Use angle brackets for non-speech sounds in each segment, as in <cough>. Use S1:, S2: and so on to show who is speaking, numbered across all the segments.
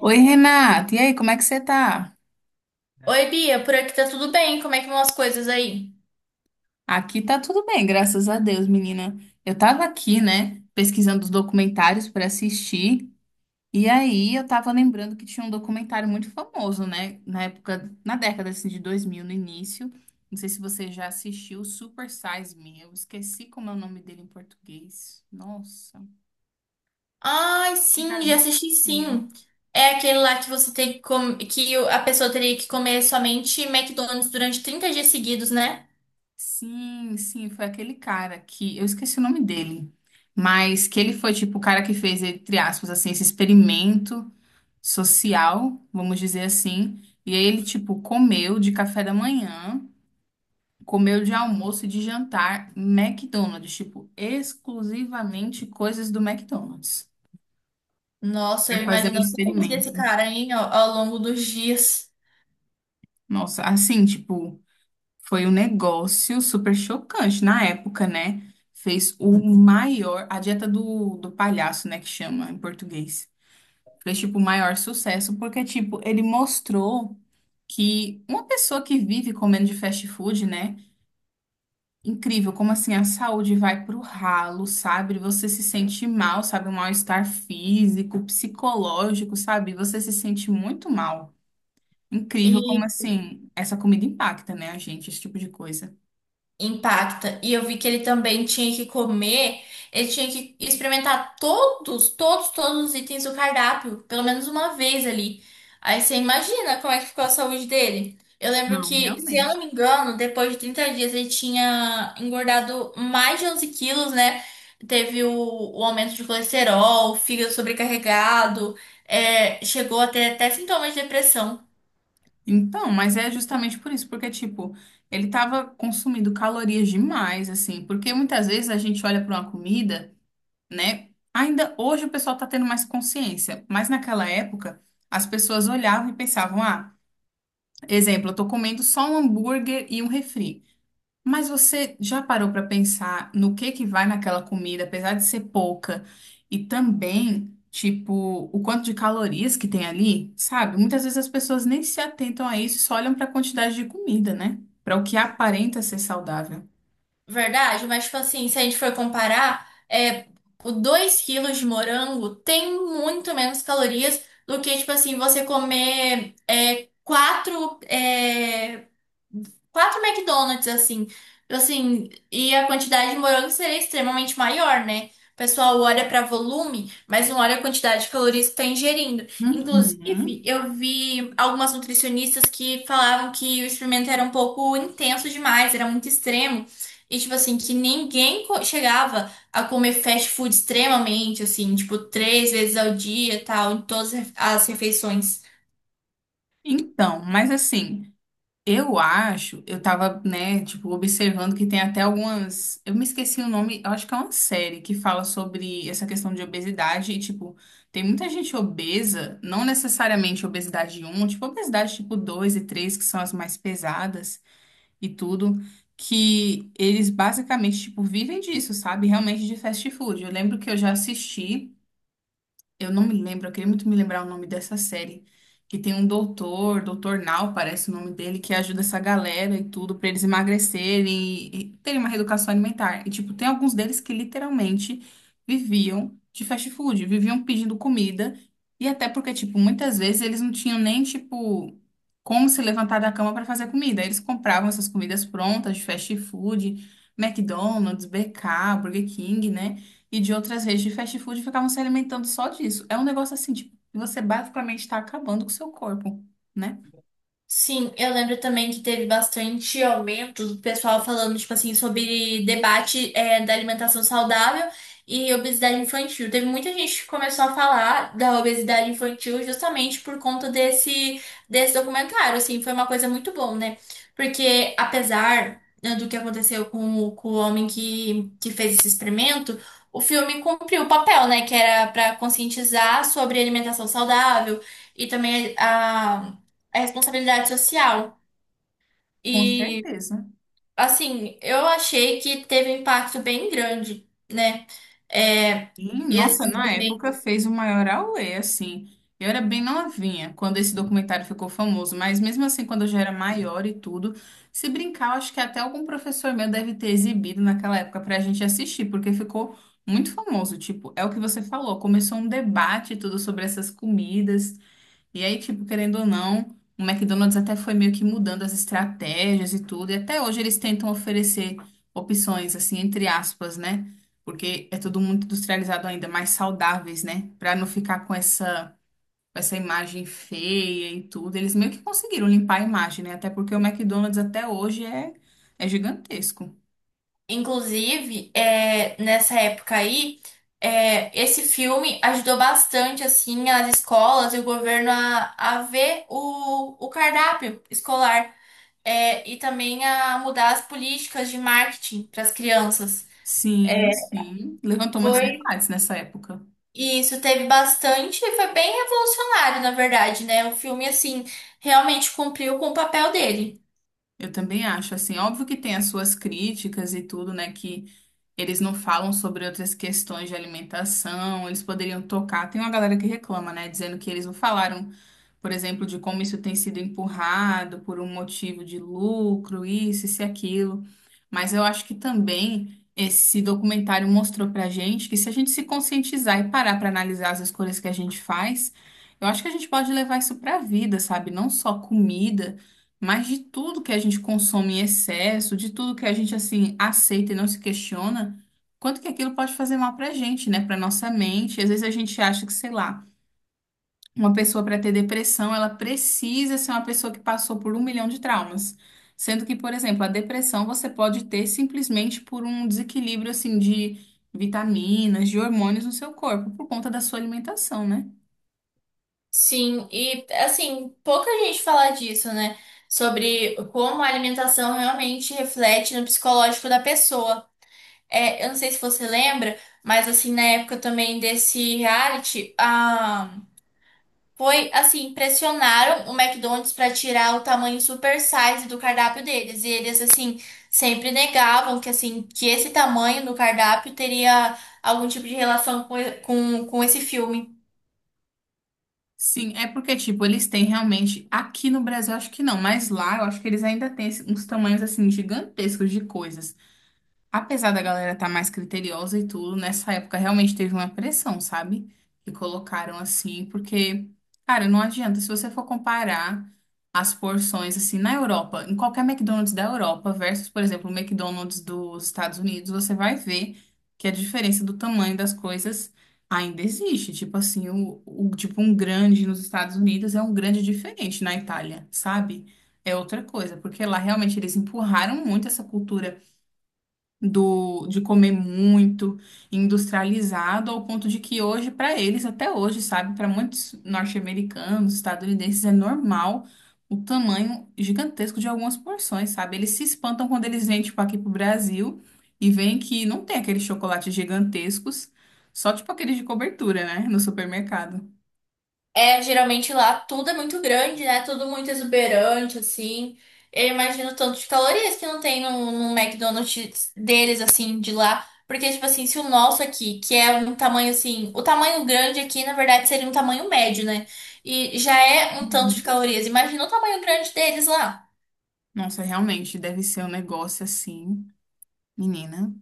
S1: Oi, Renata. E aí, como é que você tá?
S2: Oi, Bia, por aqui tá tudo bem? Como é que vão as coisas aí?
S1: Aqui tá tudo bem, graças a Deus, menina. Eu tava aqui, né, pesquisando os documentários pra assistir. E aí, eu tava lembrando que tinha um documentário muito famoso, né, na época, na década assim, de 2000, no início. Não sei se você já assistiu Super Size Me. Eu esqueci como é o nome dele em português. Nossa.
S2: Ai, sim,
S1: Documentário
S2: já
S1: bem
S2: assisti
S1: famosinho.
S2: sim. É aquele lá que você tem que com- que o- a pessoa teria que comer somente McDonald's durante 30 dias seguidos, né?
S1: Sim, sim, foi aquele cara que eu esqueci o nome dele, mas que ele foi tipo o cara que fez, entre aspas, assim, esse experimento social, vamos dizer assim. E aí ele, tipo, comeu de café da manhã, comeu de almoço e de jantar McDonald's, tipo, exclusivamente coisas do McDonald's,
S2: Nossa,
S1: pra
S2: eu
S1: fazer um
S2: imagino a saúde
S1: experimento.
S2: desse cara, hein, ao longo dos dias.
S1: Nossa, assim, tipo. Foi um negócio super chocante na época, né? Fez o maior, a dieta do palhaço, né, que chama em português. Fez, tipo, o maior sucesso, porque, tipo, ele mostrou que uma pessoa que vive comendo de fast food, né? Incrível, como assim a saúde vai pro ralo, sabe? Você se sente mal, sabe? Um mal-estar físico, psicológico, sabe? Você se sente muito mal. Incrível como assim essa comida impacta, né, a gente, esse tipo de coisa.
S2: Impacta. E eu vi que ele também ele tinha que experimentar todos os itens do cardápio, pelo menos uma vez ali. Aí você imagina como é que ficou a saúde dele. Eu lembro
S1: Não,
S2: que, se eu não me
S1: realmente.
S2: engano, depois de 30 dias ele tinha engordado mais de 11 quilos, né? Teve o aumento de colesterol, o fígado sobrecarregado, chegou a ter até sintomas de depressão.
S1: Então, mas é justamente por isso, porque, tipo, ele tava consumindo calorias demais, assim, porque muitas vezes a gente olha para uma comida, né? Ainda hoje o pessoal tá tendo mais consciência, mas naquela época as pessoas olhavam e pensavam, ah, exemplo, eu tô comendo só um hambúrguer e um refri. Mas você já parou para pensar no que vai naquela comida, apesar de ser pouca, e também, tipo, o quanto de calorias que tem ali, sabe? Muitas vezes as pessoas nem se atentam a isso, só olham para a quantidade de comida, né? Para o que aparenta ser saudável.
S2: Verdade, mas tipo assim, se a gente for comparar, o 2 quilos de morango tem muito menos calorias do que, tipo assim, você comer é, 4 quatro McDonald's, assim. Assim, e a quantidade de morango seria extremamente maior, né? O pessoal olha para volume, mas não olha a quantidade de calorias que está ingerindo. Inclusive,
S1: Uhum.
S2: eu vi algumas nutricionistas que falavam que o experimento era um pouco intenso demais, era muito extremo. E, tipo assim, que chegava a comer fast food extremamente, assim, tipo, três vezes ao dia e tal, em todas as refeições.
S1: Então, mas assim. Eu acho, eu tava, né, tipo, observando que tem até algumas. Eu me esqueci o nome, eu acho que é uma série que fala sobre essa questão de obesidade e, tipo, tem muita gente obesa, não necessariamente obesidade um, tipo, obesidade tipo 2 e 3 que são as mais pesadas e tudo, que eles basicamente, tipo, vivem disso, sabe? Realmente de fast food. Eu lembro que eu já assisti. Eu não me lembro, eu queria muito me lembrar o nome dessa série. Que tem um doutor, Doutor Nau parece o nome dele, que ajuda essa galera e tudo pra eles emagrecerem e terem uma reeducação alimentar. E, tipo, tem alguns deles que literalmente viviam de fast food, viviam pedindo comida. E até porque, tipo, muitas vezes eles não tinham nem, tipo, como se levantar da cama pra fazer comida. Eles compravam essas comidas prontas de fast food, McDonald's, BK, Burger King, né? E de outras redes de fast food ficavam se alimentando só disso. É um negócio assim, tipo, que você basicamente está acabando com o seu corpo, né?
S2: Sim, eu lembro também que teve bastante aumento do pessoal falando, tipo assim, sobre debate, da alimentação saudável e obesidade infantil. Teve muita gente que começou a falar da obesidade infantil justamente por conta desse documentário, assim, foi uma coisa muito bom, né? Porque apesar, né, do que aconteceu com o homem que fez esse experimento, o filme cumpriu o papel, né? Que era para conscientizar sobre alimentação saudável e também a responsabilidade social.
S1: Com
S2: E,
S1: certeza.
S2: assim, eu achei que teve um impacto bem grande, né? É,
S1: E,
S2: e
S1: nossa,
S2: assim
S1: na
S2: também,
S1: época fez o maior auê, assim. Eu era bem novinha quando esse documentário ficou famoso, mas mesmo assim, quando eu já era maior e tudo, se brincar, eu acho que até algum professor meu deve ter exibido naquela época pra gente assistir, porque ficou muito famoso. Tipo, é o que você falou, começou um debate e tudo sobre essas comidas. E aí, tipo, querendo ou não, o McDonald's até foi meio que mudando as estratégias e tudo, e até hoje eles tentam oferecer opções, assim, entre aspas, né? Porque é tudo muito industrializado ainda, mais saudáveis, né? Pra não ficar com essa imagem feia e tudo. Eles meio que conseguiram limpar a imagem, né? Até porque o McDonald's até hoje é, é gigantesco.
S2: inclusive, nessa época aí, esse filme ajudou bastante, assim, as escolas e o governo a ver o cardápio escolar. É, e também a mudar as políticas de marketing para as crianças.
S1: Sim,
S2: É,
S1: sim. Levantou muitos
S2: Foi
S1: debates nessa época.
S2: E isso teve bastante e foi bem revolucionário, na verdade, né? O filme, assim, realmente cumpriu com o papel dele.
S1: Eu também acho, assim, óbvio que tem as suas críticas e tudo, né? Que eles não falam sobre outras questões de alimentação, eles poderiam tocar. Tem uma galera que reclama, né, dizendo que eles não falaram, por exemplo, de como isso tem sido empurrado por um motivo de lucro, isso e aquilo. Mas eu acho que também esse documentário mostrou pra gente que se a gente se conscientizar e parar para analisar as escolhas que a gente faz, eu acho que a gente pode levar isso pra vida, sabe? Não só comida, mas de tudo que a gente consome em excesso, de tudo que a gente assim aceita e não se questiona. Quanto que aquilo pode fazer mal pra gente, né? Pra nossa mente. Às vezes a gente acha que, sei lá, uma pessoa para ter depressão, ela precisa ser uma pessoa que passou por um milhão de traumas. Sendo que, por exemplo, a depressão você pode ter simplesmente por um desequilíbrio assim de vitaminas, de hormônios no seu corpo, por conta da sua alimentação, né?
S2: Sim, e assim, pouca gente fala disso, né? Sobre como a alimentação realmente reflete no psicológico da pessoa. É, eu não sei se você lembra, mas assim, na época também desse reality, a Foi assim, pressionaram o McDonald's para tirar o tamanho super size do cardápio deles. E eles assim sempre negavam que assim, que esse tamanho do cardápio teria algum tipo de relação com esse filme.
S1: Sim, é porque, tipo, eles têm realmente. Aqui no Brasil, acho que não, mas lá eu acho que eles ainda têm uns tamanhos assim gigantescos de coisas. Apesar da galera estar mais criteriosa e tudo, nessa época realmente teve uma pressão, sabe? Que colocaram assim, porque, cara, não adianta. Se você for comparar as porções, assim, na Europa, em qualquer McDonald's da Europa versus, por exemplo, o McDonald's dos Estados Unidos, você vai ver que a diferença do tamanho das coisas ainda existe. Tipo assim, tipo um grande nos Estados Unidos é um grande diferente na Itália, sabe? É outra coisa, porque lá realmente eles empurraram muito essa cultura do, de comer muito, industrializado, ao ponto de que hoje, para eles, até hoje, sabe, para muitos norte-americanos, estadunidenses, é normal o tamanho gigantesco de algumas porções, sabe? Eles se espantam quando eles vêm, tipo, aqui pro Brasil e veem que não tem aqueles chocolates gigantescos, só, tipo, aqueles de cobertura, né, no supermercado.
S2: É, geralmente lá tudo é muito grande, né? Tudo muito exuberante, assim. Eu imagino o tanto de calorias que não tem no McDonald's deles, assim, de lá. Porque, tipo assim, se o nosso aqui, que é um tamanho assim, o tamanho grande aqui, na verdade, seria um tamanho médio, né? E já é um tanto de
S1: Uhum.
S2: calorias. Imagina o tamanho grande deles lá.
S1: Nossa, realmente, deve ser um negócio assim, menina.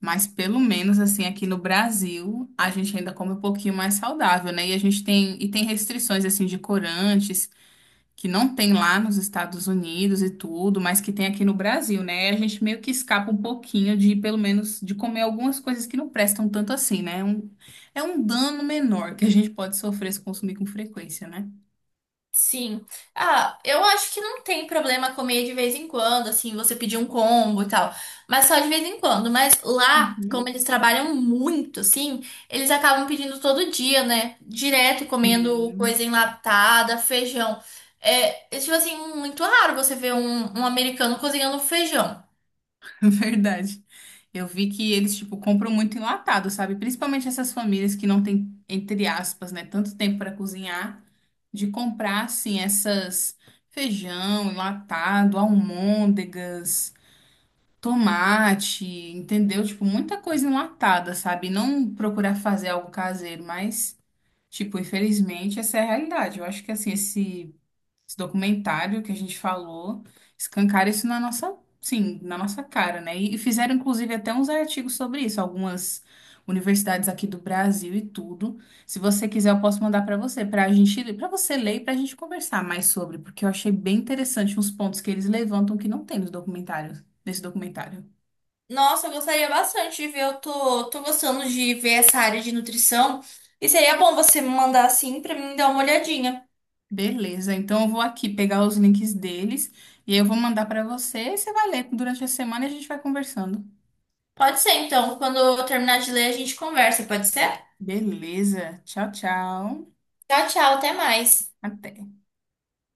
S1: Mas pelo menos assim aqui no Brasil, a gente ainda come um pouquinho mais saudável, né? E a gente tem restrições assim de corantes que não tem lá nos Estados Unidos e tudo, mas que tem aqui no Brasil, né? A gente meio que escapa um pouquinho de pelo menos de comer algumas coisas que não prestam tanto assim, né? Um, é um dano menor que a gente pode sofrer se consumir com frequência, né?
S2: Sim. Ah, eu acho que não tem problema comer de vez em quando, assim, você pedir um combo e tal. Mas só de vez em quando. Mas lá, como
S1: Uhum.
S2: eles trabalham muito, assim, eles acabam pedindo todo dia, né? Direto comendo
S1: Sim.
S2: coisa enlatada, feijão. Tipo assim, muito raro você ver um americano cozinhando feijão.
S1: <laughs> Verdade. Eu vi que eles, tipo, compram muito enlatado, sabe? Principalmente essas famílias que não têm, entre aspas, né, tanto tempo para cozinhar, de comprar, assim, essas feijão enlatado, almôndegas, tomate, entendeu? Tipo, muita coisa enlatada, sabe? Não procurar fazer algo caseiro, mas, tipo, infelizmente, essa é a realidade. Eu acho que, assim, esse documentário que a gente falou, escancara isso na nossa, sim, na nossa cara, né? E fizeram, inclusive, até uns artigos sobre isso, algumas universidades aqui do Brasil e tudo. Se você quiser, eu posso mandar para você, para a gente, para você ler e para a gente conversar mais sobre, porque eu achei bem interessante uns pontos que eles levantam que não tem nos documentários, nesse documentário.
S2: Nossa, eu gostaria bastante de ver. Tô gostando de ver essa área de nutrição. E seria bom você me mandar assim pra mim dar uma olhadinha.
S1: Beleza, então eu vou aqui pegar os links deles e aí eu vou mandar para você e você vai ler durante a semana e a gente vai conversando.
S2: Pode ser, então. Quando eu terminar de ler, a gente conversa, pode ser?
S1: Beleza, tchau, tchau.
S2: Tchau, tchau, até mais.
S1: Até.